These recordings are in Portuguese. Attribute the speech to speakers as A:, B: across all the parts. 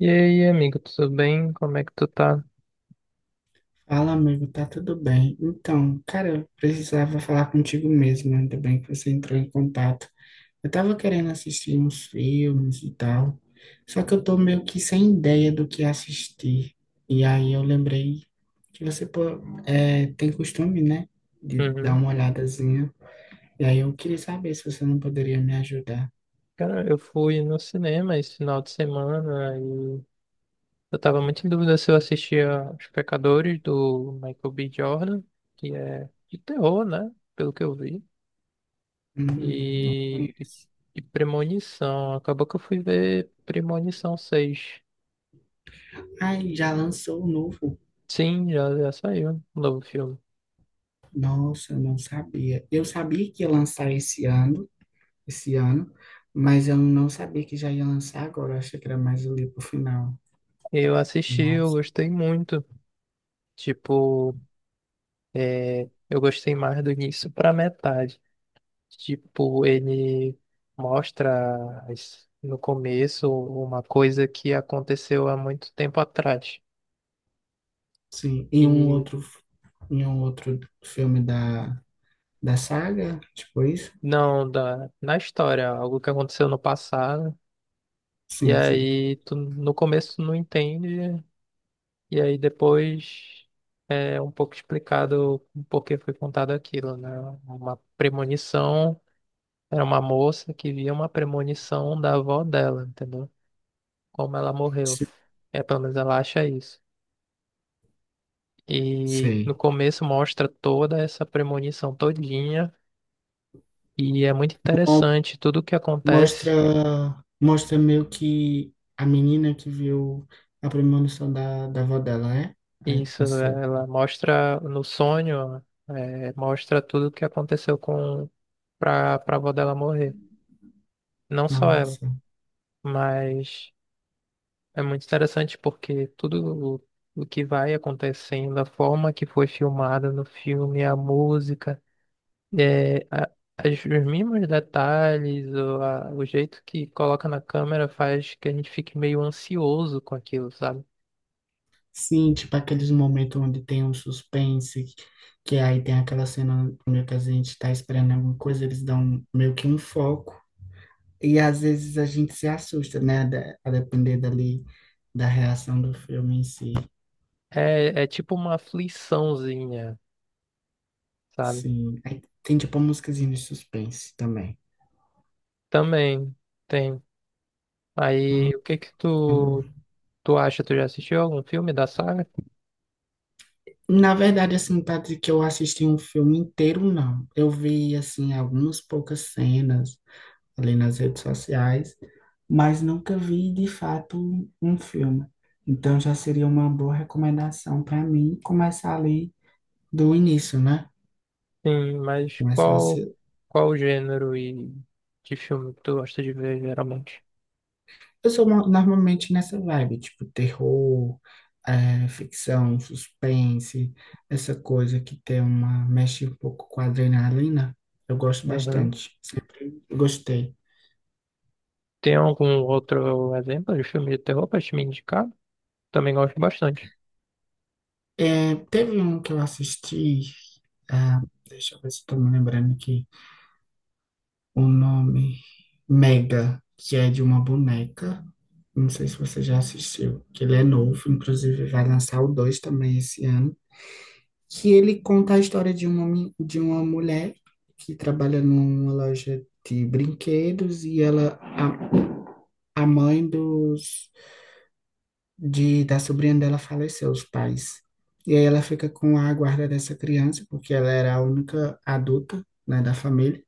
A: E aí, amigo, tudo bem? Como é que tu tá?
B: Fala, amigo, tá tudo bem? Então, cara, eu precisava falar contigo mesmo, né? Ainda bem que você entrou em contato. Eu tava querendo assistir uns filmes e tal, só que eu tô meio que sem ideia do que assistir. E aí eu lembrei que você pô, tem costume, né, de dar
A: Uhum.
B: uma olhadazinha. E aí eu queria saber se você não poderia me ajudar.
A: Cara, eu fui no cinema esse final de semana e eu tava muito em dúvida se eu assistia Os Pecadores do Michael B. Jordan, que é de terror, né? Pelo que eu vi.
B: Não
A: E, e,
B: conheço.
A: e Premonição. Acabou que eu fui ver Premonição 6.
B: Ai, já lançou o novo?
A: Sim, já saiu o novo filme.
B: Nossa, eu não sabia. Eu sabia que ia lançar esse ano. esse ano, mas eu não sabia que já ia lançar agora, eu achei que era mais ali pro final.
A: Eu assisti, eu
B: Nossa,
A: gostei muito. Tipo, eu gostei mais do início pra metade. Tipo, ele no começo uma coisa que aconteceu há muito tempo atrás.
B: sim.
A: E
B: Em um outro filme da saga, tipo isso?
A: não, na história, algo que aconteceu no passado. E
B: Sim, sim.
A: aí, tu, no começo tu não entende. E aí depois é um pouco explicado o porquê foi contado aquilo, né? Uma premonição, era uma moça que via uma premonição da avó dela, entendeu? Como ela morreu.
B: Se-
A: É, pelo menos ela acha isso. E no
B: Sei.
A: começo mostra toda essa premonição todinha e é muito
B: Mo-
A: interessante tudo o que
B: Mostra,
A: acontece.
B: mostra meio que a menina que viu a premonição da avó dela, é? Aí,
A: Isso,
B: Essa,
A: ela mostra no sonho, é, mostra tudo o que aconteceu com para avó dela morrer. Não só ela,
B: nossa.
A: mas é muito interessante porque tudo o que vai acontecendo, a forma que foi filmada no filme, a música. É, a- os mínimos detalhes, ou o jeito que coloca na câmera faz que a gente fique meio ansioso com aquilo, sabe?
B: Sim, tipo aqueles momentos onde tem um suspense, que aí tem aquela cena meio que a gente tá esperando alguma coisa, eles dão meio que um foco. E às vezes a gente se assusta, né? A depender dali da reação do filme em si.
A: É tipo uma afliçãozinha, sabe?
B: Sim. Aí tem tipo uma musiquinha de suspense também.
A: Também tem. Aí, o que que tu,
B: Hum.
A: tu acha? Tu já assistiu algum filme da saga?
B: Na verdade, assim, Patrick, eu assisti um filme inteiro, não. Eu vi, assim, algumas poucas cenas ali nas redes sociais, mas nunca vi de fato um filme. Então já seria uma boa recomendação para mim começar ali do início, né?
A: Sim, mas
B: Começar a ser...
A: qual o gênero e de filme que tu gosta de ver geralmente?
B: Eu sou normalmente nessa vibe, tipo terror, ficção, suspense, essa coisa que tem uma mexe um pouco com a adrenalina. Eu gosto
A: Uhum.
B: bastante. Sempre gostei.
A: Tem algum outro exemplo de filme de terror pra te me indicar? Também gosto bastante.
B: Teve um que eu assisti, ah, deixa eu ver se estou me lembrando aqui. O nome Mega, que é de uma boneca. Não sei se você já assistiu, que ele é novo, inclusive vai lançar o 2 também esse ano. Que ele conta a história de um homem, de uma mulher que trabalha numa loja de brinquedos e a mãe da sobrinha dela faleceu, os pais. E aí ela fica com a guarda dessa criança, porque ela era a única adulta, né, da família.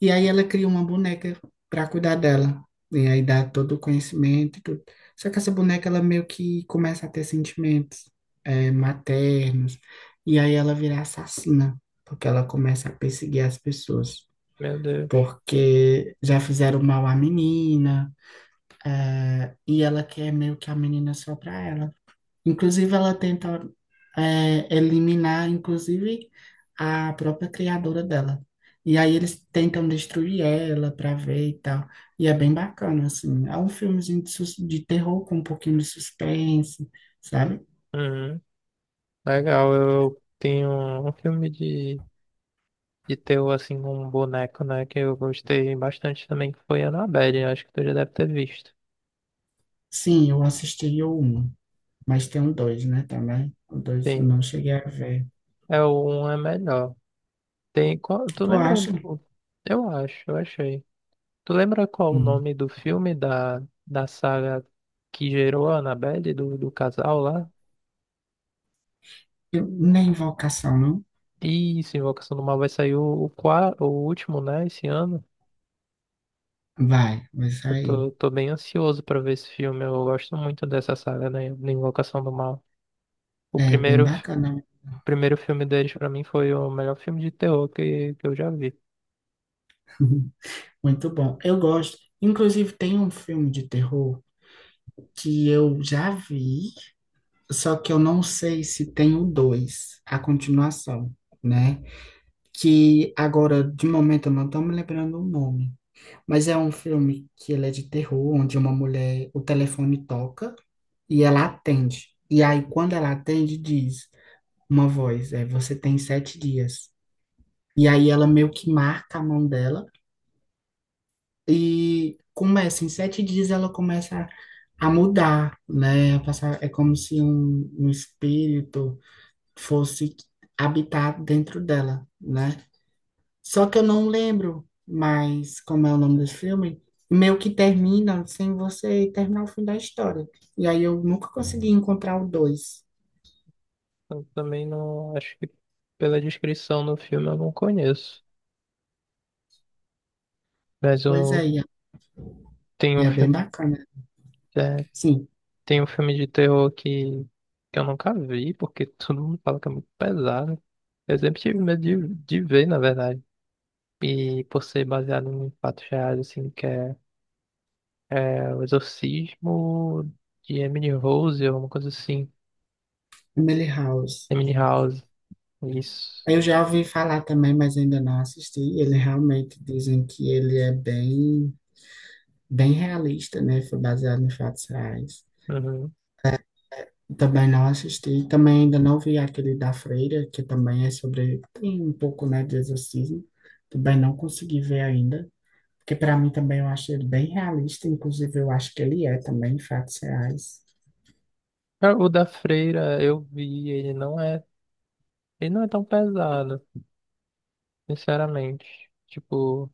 B: E aí ela cria uma boneca para cuidar dela. E aí dá todo o conhecimento e tudo. Só que essa boneca, ela meio que começa a ter sentimentos maternos. E aí ela vira assassina, porque ela começa a perseguir as pessoas.
A: Meu Deus.
B: Porque já fizeram mal à menina, e ela quer meio que a menina só para ela. Inclusive, ela tenta eliminar, inclusive, a própria criadora dela. E aí eles tentam destruir ela para ver e tal. E é bem bacana, assim. É um filmezinho de, de terror com um pouquinho de suspense, sabe?
A: Uhum. Legal, eu tenho um filme de terror assim com um boneco, né? Que eu gostei bastante também, que foi Annabelle, acho que tu já deve ter visto.
B: Sim, eu assisti o um, mas tem o dois, né, também. O dois eu
A: Tem.
B: não cheguei a ver.
A: É o um é melhor. Tem. Tu
B: Tu
A: lembra?
B: acha?
A: Eu acho, eu achei. Tu lembra qual o
B: Hum.
A: nome do filme da saga que gerou a Annabelle, do casal lá?
B: Nem Invocação, não?
A: Isso, Invocação do Mal vai sair o último, né, esse ano.
B: Vai, vai
A: Eu
B: sair.
A: tô bem ansioso pra ver esse filme. Eu gosto muito dessa saga, né, da Invocação do Mal. O
B: É bem
A: primeiro, f-
B: bacana.
A: primeiro filme deles, pra mim, foi o melhor filme de terror que eu já vi.
B: Muito bom. Eu gosto. Inclusive, tem um filme de terror que eu já vi, só que eu não sei se tem o 2 a continuação, né? Que agora, de momento, eu não estou me lembrando o nome. Mas é um filme que ele é de terror, onde uma mulher, o telefone toca e ela atende. E aí, quando ela atende, diz uma voz, é, você tem 7 dias. E aí ela meio que marca a mão dela. E começa, em 7 dias ela começa a mudar, né? A passar, é como se um espírito fosse habitar dentro dela, né? Só que eu não lembro mais como é o nome desse filme. Meio que termina sem você terminar o fim da história. E aí eu nunca consegui encontrar o dois.
A: Eu também não, acho que pela descrição do filme eu não conheço. Mas
B: Pois é,
A: um, tem
B: e
A: um
B: é bem
A: filme,
B: bacana.
A: é,
B: Sim,
A: tem um filme de terror que eu nunca vi, porque todo mundo fala que é muito pesado. Eu sempre tive medo de ver, na verdade. E por ser baseado em fatos reais, assim, é o exorcismo de Emily Rose, ou uma coisa assim.
B: Emily House.
A: Emily House, isso.
B: Eu já ouvi falar também, mas ainda não assisti. Ele realmente dizem que ele é bem realista, né? Foi baseado em fatos reais.
A: Uhum.
B: Também não assisti, também ainda não vi aquele da Freira, que também é sobre, tem um pouco, né, de exorcismo. Também não consegui ver ainda, porque para mim também eu acho ele bem realista, inclusive eu acho que ele é também fatos reais.
A: Ah, o da Freira, eu vi, ele não é tão pesado, sinceramente. Tipo,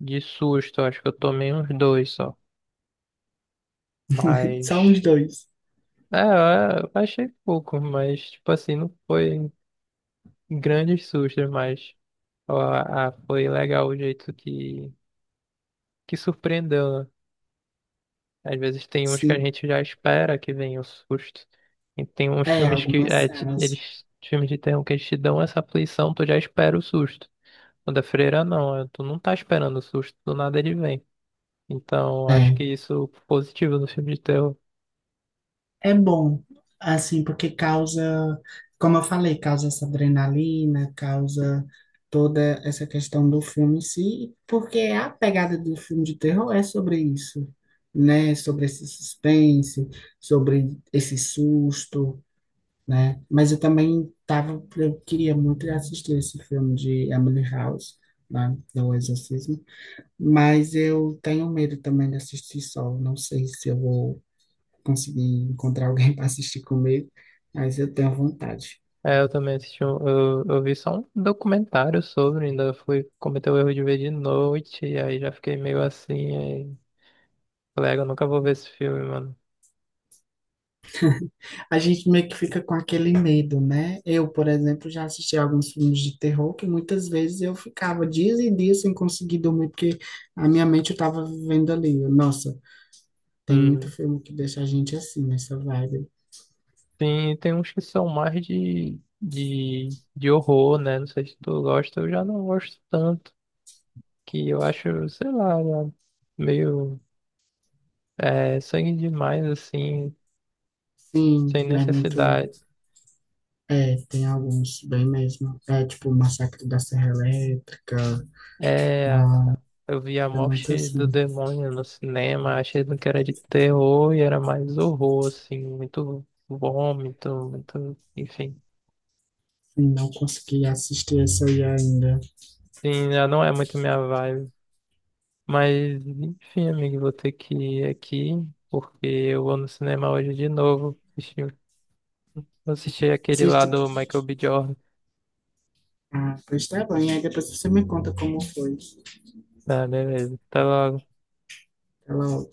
A: de susto, acho que eu tomei uns dois só.
B: Só uns
A: Mas,
B: dois,
A: é, eu achei pouco, mas, tipo assim, não foi grandes sustos, mas ó, ah, foi legal o jeito que surpreendeu, né? Às vezes tem uns que a
B: sim.
A: gente já espera que venha o susto. E tem uns
B: É,
A: filmes que
B: algumas
A: é, te-
B: cenas.
A: eles, filmes de terror que eles te dão essa aflição, tu já espera o susto. O da Freira não, é, tu não tá esperando o susto, do nada ele vem. Então, acho
B: É.
A: que isso é positivo no filme de terror.
B: É bom, assim, porque causa, como eu falei, causa essa adrenalina, causa toda essa questão do filme em si, porque a pegada do filme de terror é sobre isso, né? Sobre esse suspense, sobre esse susto, né? Mas eu também tava, eu queria muito assistir esse filme de Emily House, né? Do Exorcismo, mas eu tenho medo também de assistir só, não sei se eu vou conseguir encontrar alguém para assistir comigo, mas eu tenho vontade.
A: É, eu também assisti, eu vi só um documentário sobre, ainda fui cometer o erro de ver de noite, e aí já fiquei meio assim, aí, colega, eu nunca vou ver esse filme, mano.
B: A gente meio que fica com aquele medo, né? Eu, por exemplo, já assisti alguns filmes de terror que muitas vezes eu ficava dias e dias sem conseguir dormir, porque a minha mente eu estava vivendo ali. Nossa, tem muito
A: Uhum.
B: filme que deixa a gente assim, nessa vibe.
A: Tem, tem uns que são mais de horror, né? Não sei se tu gosta, eu já não gosto tanto. Que eu acho, sei lá, né? Meio é, sangue demais, assim,
B: Sim,
A: sem
B: não é muito.
A: necessidade.
B: É, tem alguns bem mesmo. É tipo Massacre da Serra Elétrica.
A: É,
B: Não,
A: eu vi A
B: é muito
A: Morte do
B: assim.
A: Demônio no cinema, achei que era de terror e era mais horror, assim, muito vômito, muito, enfim.
B: Sim, não consegui assistir esse aí ainda.
A: Sim, já não é muito minha vibe. Mas, enfim, amigo, vou ter que ir aqui, porque eu vou no cinema hoje de novo. Assistir aquele lá
B: Assiste.
A: do Michael B. Jordan.
B: Ah, pois tá bom. E aí depois você me conta como foi.
A: Tá, beleza. Até logo.
B: Até logo.